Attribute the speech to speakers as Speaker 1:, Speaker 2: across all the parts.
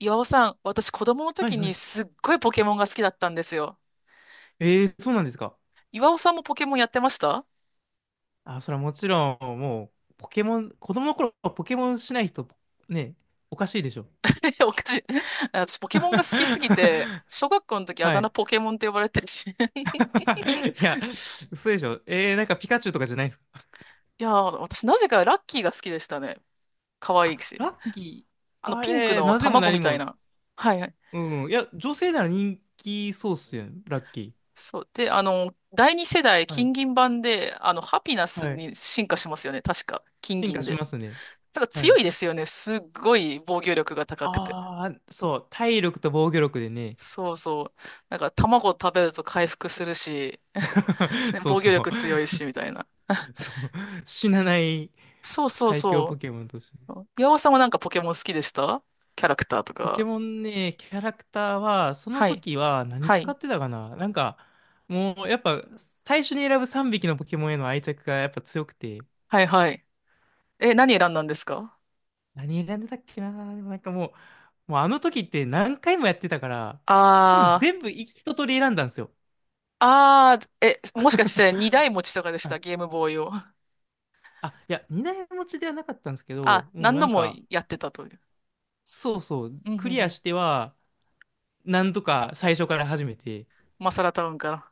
Speaker 1: 岩尾さん、私子供の
Speaker 2: はい
Speaker 1: 時
Speaker 2: は
Speaker 1: に
Speaker 2: い。
Speaker 1: すっごいポケモンが好きだったんですよ。
Speaker 2: ええ、そうなんですか。
Speaker 1: 岩尾さんもポケモンやってました？
Speaker 2: あ、それはもちろん、もう、ポケモン、子供の頃はポケモンしない人、ね、おかしいでしょ。
Speaker 1: おかしい。私ポケモンが好きすぎて、小学校の時あ
Speaker 2: は
Speaker 1: だ名
Speaker 2: い。
Speaker 1: ポケモンって呼ばれてるし。
Speaker 2: いや、嘘でしょ。なんかピカチュウとかじゃないんですか。
Speaker 1: いやー、私なぜかラッキーが好きでしたね。可愛い
Speaker 2: あ、
Speaker 1: し。
Speaker 2: ラッキ
Speaker 1: あ
Speaker 2: ー。
Speaker 1: の
Speaker 2: あ、
Speaker 1: ピンクの
Speaker 2: なぜも
Speaker 1: 卵
Speaker 2: 何
Speaker 1: みたい
Speaker 2: も。
Speaker 1: な。はいはい。
Speaker 2: うん。いや、女性なら人気そうっすよね、ラッキ
Speaker 1: そう。で、第二世代
Speaker 2: ー。はい。
Speaker 1: 金銀版で、ハピナス
Speaker 2: はい。
Speaker 1: に進化しますよね。確か。金
Speaker 2: 進化
Speaker 1: 銀
Speaker 2: し
Speaker 1: で。
Speaker 2: ますね。
Speaker 1: だから
Speaker 2: は
Speaker 1: 強
Speaker 2: い。
Speaker 1: いですよね。すっごい防御力が高くて。
Speaker 2: ああ、そう。体力と防御力でね。
Speaker 1: そうそう。なんか卵を食べると回復するし、ね、
Speaker 2: そう
Speaker 1: 防御
Speaker 2: そう。
Speaker 1: 力強いし、みたいな。
Speaker 2: そう。死なない。
Speaker 1: そうそう
Speaker 2: 最強ポ
Speaker 1: そ
Speaker 2: ケモンとして。
Speaker 1: う。岩尾さんはなんかポケモン好きでした？キャラクターと
Speaker 2: ポケ
Speaker 1: か。
Speaker 2: モンね、キャラクターは、その
Speaker 1: はい。
Speaker 2: 時は何
Speaker 1: は
Speaker 2: 使
Speaker 1: い。
Speaker 2: ってたかな、もうやっぱ、最初に選ぶ3匹のポケモンへの愛着がやっぱ強くて、
Speaker 1: はいはい。え、何選んだんですか？
Speaker 2: 何選んでたっけな。でもう、もうあの時って何回もやってたから、多分
Speaker 1: あ
Speaker 2: 全
Speaker 1: ー。
Speaker 2: 部一通り選んだんですよ。
Speaker 1: あー、え、もしかして二台持ちとかでし
Speaker 2: は
Speaker 1: た？
Speaker 2: い。
Speaker 1: ゲームボーイを。
Speaker 2: あ、いや、二台持ちではなかったんですけど、
Speaker 1: あ、
Speaker 2: もう
Speaker 1: 何
Speaker 2: な
Speaker 1: 度
Speaker 2: ん
Speaker 1: も
Speaker 2: か、
Speaker 1: やってたという。
Speaker 2: そうそう、
Speaker 1: うんうん
Speaker 2: クリ
Speaker 1: う
Speaker 2: ア
Speaker 1: ん。
Speaker 2: しては、なんとか最初から始めて、
Speaker 1: マサラタウンから。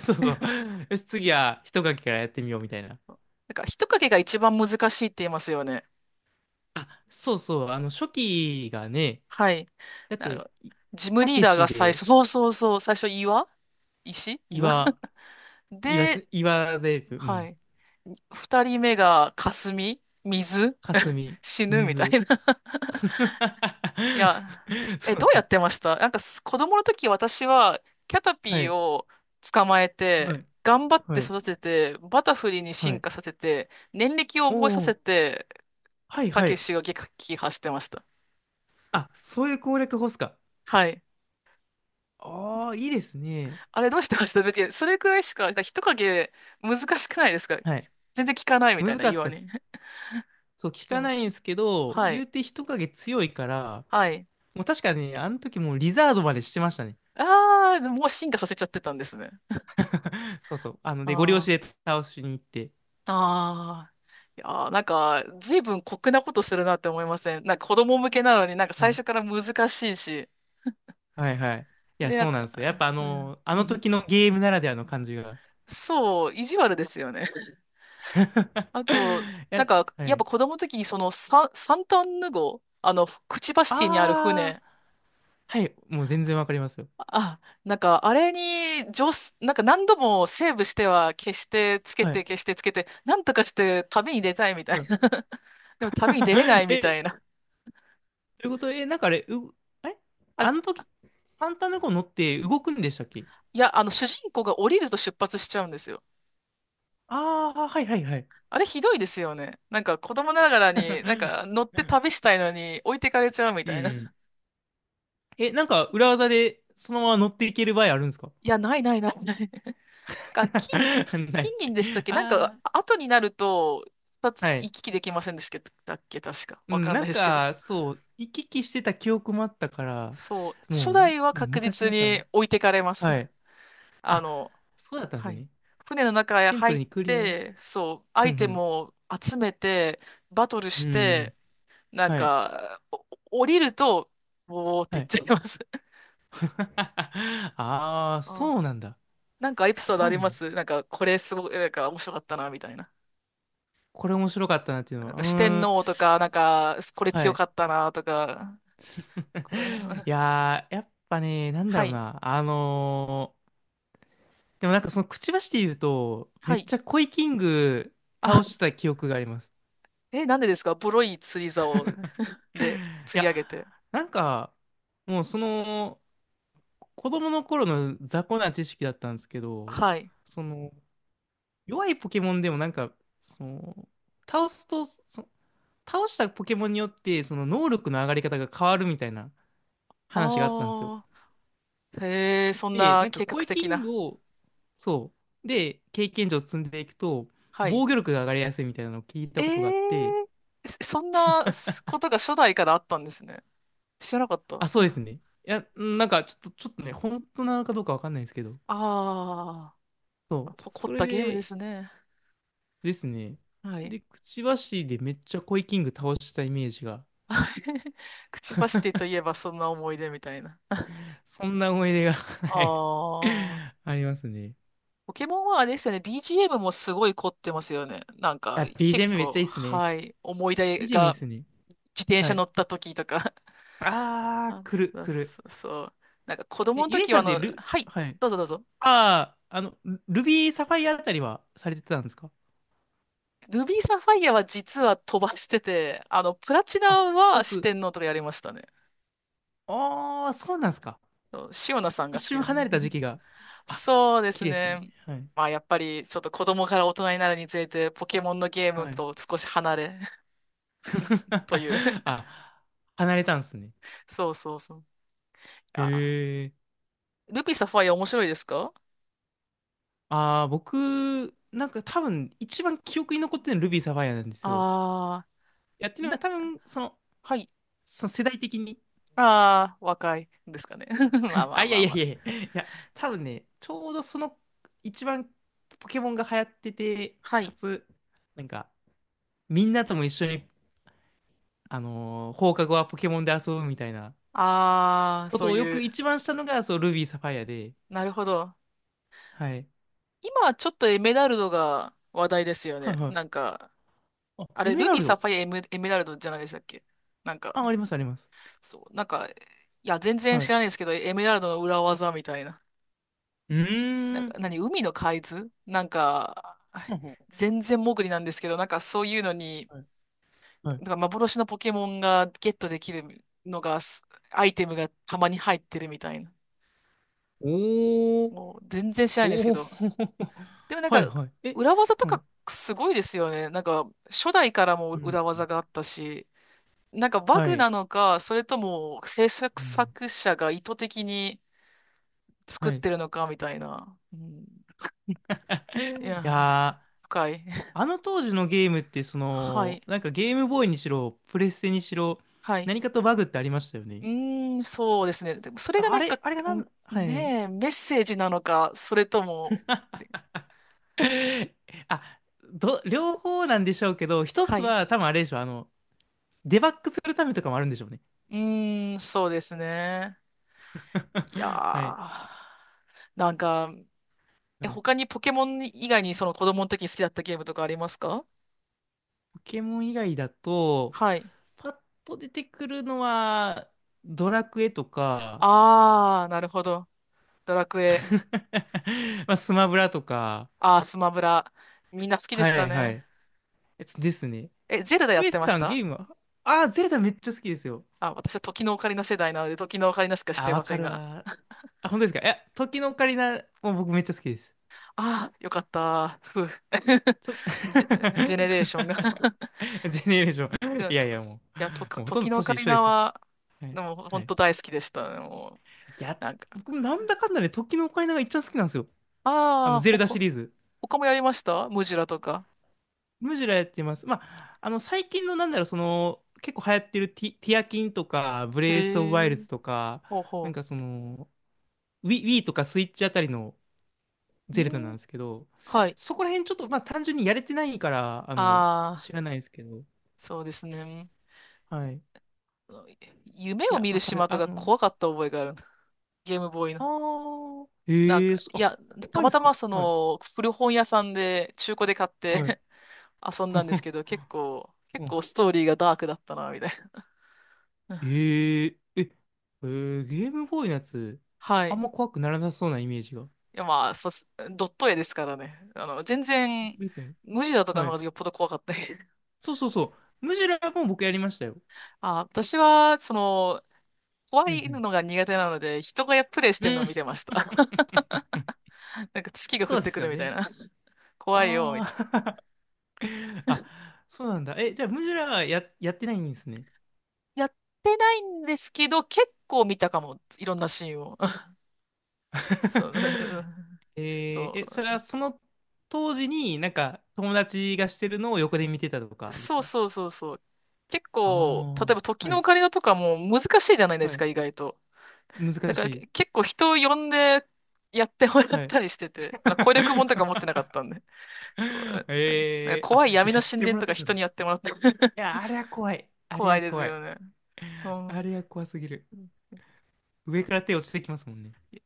Speaker 2: そうそう、
Speaker 1: え
Speaker 2: よし、次は一書きからやってみようみたいな。
Speaker 1: なんか、人影が一番難しいって言いますよね。
Speaker 2: あ、そうそう、あの、初期がね、
Speaker 1: はい。
Speaker 2: だっ
Speaker 1: なん
Speaker 2: て、
Speaker 1: か、
Speaker 2: い
Speaker 1: ジム
Speaker 2: た
Speaker 1: リー
Speaker 2: け
Speaker 1: ダー
Speaker 2: し
Speaker 1: が最
Speaker 2: で、
Speaker 1: 初、そうそうそう、最初岩
Speaker 2: 岩、岩、
Speaker 1: で、
Speaker 2: 岩で、う
Speaker 1: は
Speaker 2: ん、
Speaker 1: い。二人目が霞、水、
Speaker 2: かすみ、
Speaker 1: 死ぬみた
Speaker 2: 水。
Speaker 1: いな。いや、え、
Speaker 2: そう
Speaker 1: どう
Speaker 2: そ
Speaker 1: や
Speaker 2: う。
Speaker 1: ってました？なんか子供の時私はキャタ
Speaker 2: は
Speaker 1: ピー
Speaker 2: い、
Speaker 1: を捕まえ
Speaker 2: は
Speaker 1: て、
Speaker 2: い、
Speaker 1: 頑張って
Speaker 2: はい、
Speaker 1: 育てて、バタフリーに
Speaker 2: は
Speaker 1: 進
Speaker 2: い。
Speaker 1: 化させて、年歴を覚えさ
Speaker 2: お
Speaker 1: せ
Speaker 2: ー、
Speaker 1: て、
Speaker 2: はい、
Speaker 1: た
Speaker 2: は
Speaker 1: け
Speaker 2: い。
Speaker 1: しが撃破してました。
Speaker 2: あ、そういう攻略法っすか。
Speaker 1: はい。
Speaker 2: ああ、いいですね。
Speaker 1: あれどうしてました？だってそれくらいしか、だから人影難しくないですか？
Speaker 2: はい。
Speaker 1: 全然聞かないみたい
Speaker 2: 難
Speaker 1: な
Speaker 2: か
Speaker 1: 言
Speaker 2: った
Speaker 1: わ
Speaker 2: っす。
Speaker 1: ね。
Speaker 2: そう、聞か
Speaker 1: そう、
Speaker 2: ないんですけど、
Speaker 1: は
Speaker 2: 言
Speaker 1: い。
Speaker 2: うて人影強いから、
Speaker 1: はい。
Speaker 2: もう確かにね、あの時もうリザードまでしてましたね。
Speaker 1: ああ、もう進化させちゃってたんですね。
Speaker 2: そうそう。あの、
Speaker 1: あ
Speaker 2: で、ゴリ押しで
Speaker 1: あ。
Speaker 2: 倒しに行って。
Speaker 1: ああ。いやー、なんか、随分酷なことするなって思いません？なんか子供向けなのになんか
Speaker 2: は
Speaker 1: 最
Speaker 2: い
Speaker 1: 初から難しいし。
Speaker 2: はいはい。いや、
Speaker 1: で、なん
Speaker 2: そうなん
Speaker 1: か、
Speaker 2: ですよ。やっぱあ
Speaker 1: うん
Speaker 2: の、あ
Speaker 1: う
Speaker 2: の
Speaker 1: ん、
Speaker 2: 時のゲームならではの感じが。
Speaker 1: そう、意地悪ですよね。あと、
Speaker 2: い
Speaker 1: なん
Speaker 2: や、
Speaker 1: か、
Speaker 2: は
Speaker 1: やっぱ
Speaker 2: い。
Speaker 1: 子供の時にそのサンタンヌ号、クチバシティにある
Speaker 2: ああ、
Speaker 1: 船、
Speaker 2: はい。もう全然わかりますよ。
Speaker 1: あ、なんか、あれに、上手、なんか何度もセーブしては消して、つけ
Speaker 2: は
Speaker 1: て、
Speaker 2: い。
Speaker 1: 消して、つけて、なんとかして旅に出たいみた
Speaker 2: は
Speaker 1: いな。
Speaker 2: い。
Speaker 1: でも旅に出れない み
Speaker 2: え、
Speaker 1: たいな。
Speaker 2: ということで、え、なんかあれ、う、あれ、
Speaker 1: あ、い
Speaker 2: あの時、サンタネコ乗って動くんでしたっけ？
Speaker 1: や、主人公が降りると出発しちゃうんですよ。
Speaker 2: ああー、はいはいはい。
Speaker 1: あれひどいですよね。なんか子供ながらに、なんか 乗って旅したいのに置いてかれちゃうみ
Speaker 2: うん
Speaker 1: たいな。
Speaker 2: うん。え、なんか裏技でそのまま乗っていける場合あるんですか？
Speaker 1: いや、ないないないない。か、金、金
Speaker 2: ない。
Speaker 1: 金銀でしたっけ？なんか、
Speaker 2: あ
Speaker 1: あ後になると、二
Speaker 2: あ、
Speaker 1: つ
Speaker 2: は
Speaker 1: 行
Speaker 2: い。
Speaker 1: き来できませんでしたっけ？確か。
Speaker 2: う
Speaker 1: わ
Speaker 2: ん、
Speaker 1: かん
Speaker 2: な
Speaker 1: な
Speaker 2: ん
Speaker 1: いですけど。
Speaker 2: か、そう、行き来してた記憶もあったから、
Speaker 1: そう、初
Speaker 2: も
Speaker 1: 代は
Speaker 2: う、もう
Speaker 1: 確
Speaker 2: 昔
Speaker 1: 実
Speaker 2: だか
Speaker 1: に
Speaker 2: ら。
Speaker 1: 置いてかれます。
Speaker 2: はい。
Speaker 1: あ
Speaker 2: あ、
Speaker 1: の、
Speaker 2: そうだったんで
Speaker 1: は
Speaker 2: す
Speaker 1: い。
Speaker 2: ね。
Speaker 1: 船の中へ
Speaker 2: シンプ
Speaker 1: 入
Speaker 2: ル
Speaker 1: っ
Speaker 2: にクリア。うん
Speaker 1: て、そう、ア
Speaker 2: う
Speaker 1: イテム
Speaker 2: ん。
Speaker 1: を集めて、バトル
Speaker 2: う
Speaker 1: し
Speaker 2: んう
Speaker 1: て、
Speaker 2: ん。
Speaker 1: なん
Speaker 2: はい。
Speaker 1: か、お降りると、おーって
Speaker 2: は
Speaker 1: 言っ
Speaker 2: い。
Speaker 1: ちゃいます。
Speaker 2: ああ、
Speaker 1: あ、
Speaker 2: そうなんだ。
Speaker 1: なんかエピ
Speaker 2: あ、
Speaker 1: ソード
Speaker 2: そ
Speaker 1: あ
Speaker 2: う
Speaker 1: り
Speaker 2: な
Speaker 1: ま
Speaker 2: んだ。
Speaker 1: す？なんか、これすごい、なんか面白かったな、みたいな。
Speaker 2: これ面白かったなっていうの
Speaker 1: なん
Speaker 2: は。う
Speaker 1: か四天
Speaker 2: ーん。
Speaker 1: 王とか、なんか、これ
Speaker 2: は
Speaker 1: 強
Speaker 2: い。
Speaker 1: かったな、とか。こう
Speaker 2: い やー、やっぱね、なんだ
Speaker 1: は
Speaker 2: ろう
Speaker 1: い。
Speaker 2: な。でもなんかそのくちばしで言うと、め
Speaker 1: は
Speaker 2: っ
Speaker 1: い。
Speaker 2: ちゃコイキング
Speaker 1: あ、
Speaker 2: 倒した記憶があります。
Speaker 1: え、なんでですか？ボロい釣り竿 で
Speaker 2: い
Speaker 1: 釣り
Speaker 2: や、
Speaker 1: 上げて。
Speaker 2: なんか、もうその、子供の頃の雑魚な知識だったんですけど、
Speaker 1: はい。
Speaker 2: その、弱いポケモンでもなんか、その、倒すと、そ倒したポケモンによって、その能力の上がり方が変わるみたいな話があったんですよ。
Speaker 1: ああ、へえ、そん
Speaker 2: で、
Speaker 1: な
Speaker 2: なんか、
Speaker 1: 計画
Speaker 2: 声キ
Speaker 1: 的
Speaker 2: ン
Speaker 1: な。
Speaker 2: グを、そう、で、経験値を積んでいくと、
Speaker 1: はい。
Speaker 2: 防御力が上がりやすいみたいなのを聞いた
Speaker 1: え
Speaker 2: ことがあって、
Speaker 1: え、そんなことが初代からあったんですね。知らなかった。
Speaker 2: あ、そうです ね。いや、なんか、ちょっと、ちょっとね、本当なのかどうかわかんないんですけど、
Speaker 1: あ
Speaker 2: そ
Speaker 1: あ、
Speaker 2: う。
Speaker 1: 凝っ
Speaker 2: それ
Speaker 1: たゲームで
Speaker 2: で
Speaker 1: すね。
Speaker 2: ですね。
Speaker 1: はい。
Speaker 2: で、くちばしでめっちゃコイキング倒したイメージが、
Speaker 1: くちばしティといえばそんな思い出みたいな。
Speaker 2: そんな思い出が、
Speaker 1: あ
Speaker 2: はい、
Speaker 1: あ、
Speaker 2: ありますね。
Speaker 1: ポケモンはあれですよね。BGM もすごい凝ってますよね。なんか、
Speaker 2: あ、
Speaker 1: 結
Speaker 2: BGM めっち
Speaker 1: 構、
Speaker 2: ゃいいっすね。
Speaker 1: はい。思い出
Speaker 2: BGM いい
Speaker 1: が
Speaker 2: っすね。
Speaker 1: 自転
Speaker 2: は
Speaker 1: 車乗
Speaker 2: い。
Speaker 1: った時とか、
Speaker 2: あー、
Speaker 1: あ、
Speaker 2: 来る、来る。
Speaker 1: そう。なんか子供
Speaker 2: え、
Speaker 1: の
Speaker 2: ゆえ
Speaker 1: 時
Speaker 2: さ
Speaker 1: は
Speaker 2: んってル、
Speaker 1: はい、
Speaker 2: はい。
Speaker 1: どうぞどうぞ。
Speaker 2: あー、あの、ビーサファイアあたりはされてたんですか？
Speaker 1: ルビーサファイアは実は飛ばしてて、プラチナ
Speaker 2: あ、飛ば
Speaker 1: は四
Speaker 2: す。
Speaker 1: 天王とかやりましたね。
Speaker 2: あー、そうなんですか。
Speaker 1: そうシオナさん
Speaker 2: 一
Speaker 1: が好き
Speaker 2: 瞬
Speaker 1: で。
Speaker 2: 離れた時 期が。あ、
Speaker 1: そうです
Speaker 2: 綺麗ですよ
Speaker 1: ね。
Speaker 2: ね。はい。
Speaker 1: まあやっぱりちょっと子供から大人になるにつれてポケモンのゲーム
Speaker 2: はい。
Speaker 1: と少し離れ という。
Speaker 2: あ、離れたんですね。
Speaker 1: そうそうそう。あ、
Speaker 2: へえ。
Speaker 1: ルビーサファイア面白いですか？
Speaker 2: ああ、僕、なんか多分一番記憶に残ってるのルビーサファイアなんですよ。
Speaker 1: あ
Speaker 2: いや、って
Speaker 1: あ
Speaker 2: いう
Speaker 1: ー、
Speaker 2: の
Speaker 1: な、
Speaker 2: が多分、その、
Speaker 1: はい。
Speaker 2: その世代的に。
Speaker 1: ああ、若いですかね。まあ ま
Speaker 2: あ、
Speaker 1: あ
Speaker 2: い
Speaker 1: ま
Speaker 2: やい
Speaker 1: あ
Speaker 2: や
Speaker 1: ま
Speaker 2: い
Speaker 1: あ。
Speaker 2: やいや、いや、多分ね、ちょうどその一番ポケモンが流行ってて、
Speaker 1: はい。
Speaker 2: かつ、なんか、みんなとも一緒に、あのー放課後はポケモンで遊ぶみたいな
Speaker 1: ああ、
Speaker 2: こ
Speaker 1: そ
Speaker 2: と
Speaker 1: う
Speaker 2: をよ
Speaker 1: い
Speaker 2: く
Speaker 1: う。
Speaker 2: 一番したのが、そう、ルビーサファイアで、
Speaker 1: なるほど。
Speaker 2: はい。
Speaker 1: 今はちょっとエメラルドが話題ですよ
Speaker 2: はい
Speaker 1: ね。
Speaker 2: は
Speaker 1: なん
Speaker 2: い。
Speaker 1: か、
Speaker 2: あ、
Speaker 1: あ
Speaker 2: エ
Speaker 1: れ、
Speaker 2: メ
Speaker 1: ル
Speaker 2: ラ
Speaker 1: ビー、
Speaker 2: ル
Speaker 1: サ
Speaker 2: ド。
Speaker 1: ファイア、エメ、エメラルドじゃないでしたっけ？なんか、
Speaker 2: あ、ありますあります。
Speaker 1: そう、なんか、いや、全然
Speaker 2: は
Speaker 1: 知
Speaker 2: い。
Speaker 1: らないですけど、エメラルドの裏技みたいな。
Speaker 2: う
Speaker 1: なん
Speaker 2: ー
Speaker 1: か、
Speaker 2: ん。
Speaker 1: 何、海の海図なんか、
Speaker 2: はい
Speaker 1: 全然潜りなんですけど、なんかそういうのに、
Speaker 2: はい。はい。
Speaker 1: なんか幻のポケモンがゲットできるのが、アイテムがたまに入ってるみたいな。
Speaker 2: おー。
Speaker 1: もう全然知らないんですけ
Speaker 2: おお。
Speaker 1: ど、でも なん
Speaker 2: はい
Speaker 1: か、
Speaker 2: はい。え、
Speaker 1: 裏技と
Speaker 2: はい。
Speaker 1: かすごいですよね。なんか、初代からも
Speaker 2: うん。
Speaker 1: 裏技があったし、なんかバ
Speaker 2: は
Speaker 1: グ
Speaker 2: い。
Speaker 1: なのか、それとも制作
Speaker 2: うん。
Speaker 1: 作者が意図的に作っ
Speaker 2: はい。い
Speaker 1: てるのかみたいな。うん、いや、
Speaker 2: やー、
Speaker 1: 深い。
Speaker 2: あの当時のゲームって、そ
Speaker 1: はい。
Speaker 2: の、なんかゲームボーイにしろ、プレステにしろ、
Speaker 1: はい。
Speaker 2: 何かとバグってありましたよ
Speaker 1: う
Speaker 2: ね。
Speaker 1: ーん、そうですね。でもそれが
Speaker 2: あ
Speaker 1: なん
Speaker 2: れ、
Speaker 1: か、
Speaker 2: あれがな
Speaker 1: ん
Speaker 2: ん、はい。
Speaker 1: ねえ、メッセージなのか、それとも、
Speaker 2: あ、ど、両方なんでしょうけど、一
Speaker 1: は
Speaker 2: つ
Speaker 1: い。
Speaker 2: は多分あれでしょう、あの、デバッグするためとかもあるんでしょうね。
Speaker 1: うーん、そうですね。いや
Speaker 2: はい。
Speaker 1: ー、なんか、え、
Speaker 2: はい。
Speaker 1: 他にポケモン以外にその子供の時に好きだったゲームとかありますか？
Speaker 2: ポケモン以外だと、
Speaker 1: はい。
Speaker 2: パッと出てくるのは、ドラクエとか、
Speaker 1: あー、なるほど。ドラクエ。
Speaker 2: まあ、スマブラとか、
Speaker 1: あー、スマブラ。みんな好きで
Speaker 2: は
Speaker 1: した
Speaker 2: いは
Speaker 1: ね。
Speaker 2: い。やつですね。
Speaker 1: え、ゼルダや
Speaker 2: ゆ
Speaker 1: っ
Speaker 2: え
Speaker 1: てまし
Speaker 2: さん
Speaker 1: た？
Speaker 2: ゲームは、ああ、ゼルダめっちゃ好きですよ。
Speaker 1: あ、私は時のオカリナ世代なので、時のオカリナしか知っ
Speaker 2: あ、
Speaker 1: てま
Speaker 2: わ
Speaker 1: せ
Speaker 2: か
Speaker 1: ん
Speaker 2: る
Speaker 1: が。
Speaker 2: わ。あ、本当ですか？いや、時のオカリナも僕めっちゃ好きです。
Speaker 1: あー、よかった。ふう。
Speaker 2: ちょ、
Speaker 1: ジェネレーションが
Speaker 2: ジェネレーショ
Speaker 1: い
Speaker 2: ン。
Speaker 1: や、
Speaker 2: いや
Speaker 1: と、
Speaker 2: いや、も
Speaker 1: いや、と、
Speaker 2: う、もうほとん
Speaker 1: 時
Speaker 2: ど
Speaker 1: のオカ
Speaker 2: 年一
Speaker 1: リ
Speaker 2: 緒で
Speaker 1: ナ
Speaker 2: すよ。
Speaker 1: は、
Speaker 2: はい。
Speaker 1: でも、
Speaker 2: は
Speaker 1: 本
Speaker 2: い。
Speaker 1: 当大好きでした。もう、
Speaker 2: いや、
Speaker 1: なんか。
Speaker 2: 僕もなんだかんだで時のオカリナが一番好きなんですよ。あ
Speaker 1: あ
Speaker 2: の、
Speaker 1: ー、
Speaker 2: ゼルダシリーズ。
Speaker 1: 他もやりました？ムジュラとか。
Speaker 2: むしろやってます。まあ、あの、最近のなんだろう、その、結構流行ってるティアキンとか、ブ
Speaker 1: へ
Speaker 2: レイス・オブ・ワイル
Speaker 1: え。
Speaker 2: ズとか、
Speaker 1: ほう
Speaker 2: なん
Speaker 1: ほ
Speaker 2: かその、Wii とかスイッチあたりの
Speaker 1: う。
Speaker 2: ゼルダな
Speaker 1: う
Speaker 2: ん
Speaker 1: ん。
Speaker 2: ですけど、
Speaker 1: はい。
Speaker 2: そこら辺ちょっと、まあ、単純にやれてないから、あの、
Speaker 1: ああ、
Speaker 2: 知らないですけど、
Speaker 1: そうですね。
Speaker 2: はい。い
Speaker 1: 夢を
Speaker 2: や、
Speaker 1: 見る
Speaker 2: わかる。
Speaker 1: 島と
Speaker 2: あ
Speaker 1: か
Speaker 2: の、
Speaker 1: 怖かった覚えがある。ゲームボーイの。
Speaker 2: ああ、
Speaker 1: なん
Speaker 2: え
Speaker 1: か、
Speaker 2: えそ
Speaker 1: い
Speaker 2: あ、
Speaker 1: や、た
Speaker 2: 怖い
Speaker 1: ま
Speaker 2: で
Speaker 1: た
Speaker 2: すか？
Speaker 1: まそ
Speaker 2: はい。
Speaker 1: の古本屋さんで中古で買っ
Speaker 2: はい。
Speaker 1: て 遊んだんです けど、結構、結
Speaker 2: うん、
Speaker 1: 構ストーリーがダークだったな、みたい
Speaker 2: え
Speaker 1: な。
Speaker 2: ええーゲームボーイのやつ、
Speaker 1: はい。
Speaker 2: あん
Speaker 1: い
Speaker 2: ま怖くならなさそうなイメージが。
Speaker 1: や、まあ、そうっす、ドット絵ですからね。全然、
Speaker 2: ですよね。
Speaker 1: 無ジだとか
Speaker 2: は
Speaker 1: の方
Speaker 2: い。
Speaker 1: がよっぽど怖かった。
Speaker 2: そうそうそう。ムジュラも僕やりましたよ。
Speaker 1: あ、私は、怖
Speaker 2: うん
Speaker 1: い
Speaker 2: う
Speaker 1: のが苦手なので、人がプレイしてるの
Speaker 2: う
Speaker 1: を見
Speaker 2: ん。
Speaker 1: てました。なんか月が降
Speaker 2: そ
Speaker 1: っ
Speaker 2: うで
Speaker 1: てく
Speaker 2: す
Speaker 1: る
Speaker 2: よ
Speaker 1: みたい
Speaker 2: ね。
Speaker 1: な。怖いよ、み
Speaker 2: あ
Speaker 1: たい
Speaker 2: あ。あ、そうなんだ。え、じゃあ、ムジュラはやってないんですね。
Speaker 1: な。やってないんですけど、結構見たかも。いろんなシーンを。そう。
Speaker 2: えー、
Speaker 1: そ
Speaker 2: え、それはその当時になんか友達がしてるのを横で見てたと
Speaker 1: う。
Speaker 2: かです
Speaker 1: そう
Speaker 2: か？
Speaker 1: そうそうそう。結
Speaker 2: あ
Speaker 1: 構、例え
Speaker 2: あ
Speaker 1: ば
Speaker 2: ー、
Speaker 1: 時
Speaker 2: は
Speaker 1: のオ
Speaker 2: い、
Speaker 1: カリナとかも難しいじゃないで
Speaker 2: は
Speaker 1: す
Speaker 2: い。
Speaker 1: か、意外と。だ
Speaker 2: 難
Speaker 1: か
Speaker 2: し
Speaker 1: ら
Speaker 2: い。
Speaker 1: 結構人を呼んでやってもらっ
Speaker 2: はい。
Speaker 1: たりしてて、あの攻略本とか持ってなかっ たんで。そう。なんかなん
Speaker 2: え
Speaker 1: か
Speaker 2: ー、あ、
Speaker 1: 怖い闇
Speaker 2: や
Speaker 1: の
Speaker 2: っ
Speaker 1: 神
Speaker 2: ても
Speaker 1: 殿
Speaker 2: らっ
Speaker 1: とか
Speaker 2: てた
Speaker 1: 人
Speaker 2: んだ。い
Speaker 1: にやってもらって。
Speaker 2: や、あれは怖い。あれ
Speaker 1: 怖い
Speaker 2: は
Speaker 1: です
Speaker 2: 怖
Speaker 1: よ
Speaker 2: い。
Speaker 1: ね。う
Speaker 2: あ
Speaker 1: ん。
Speaker 2: れは怖すぎる。上から手落ちてきますもんね。
Speaker 1: いや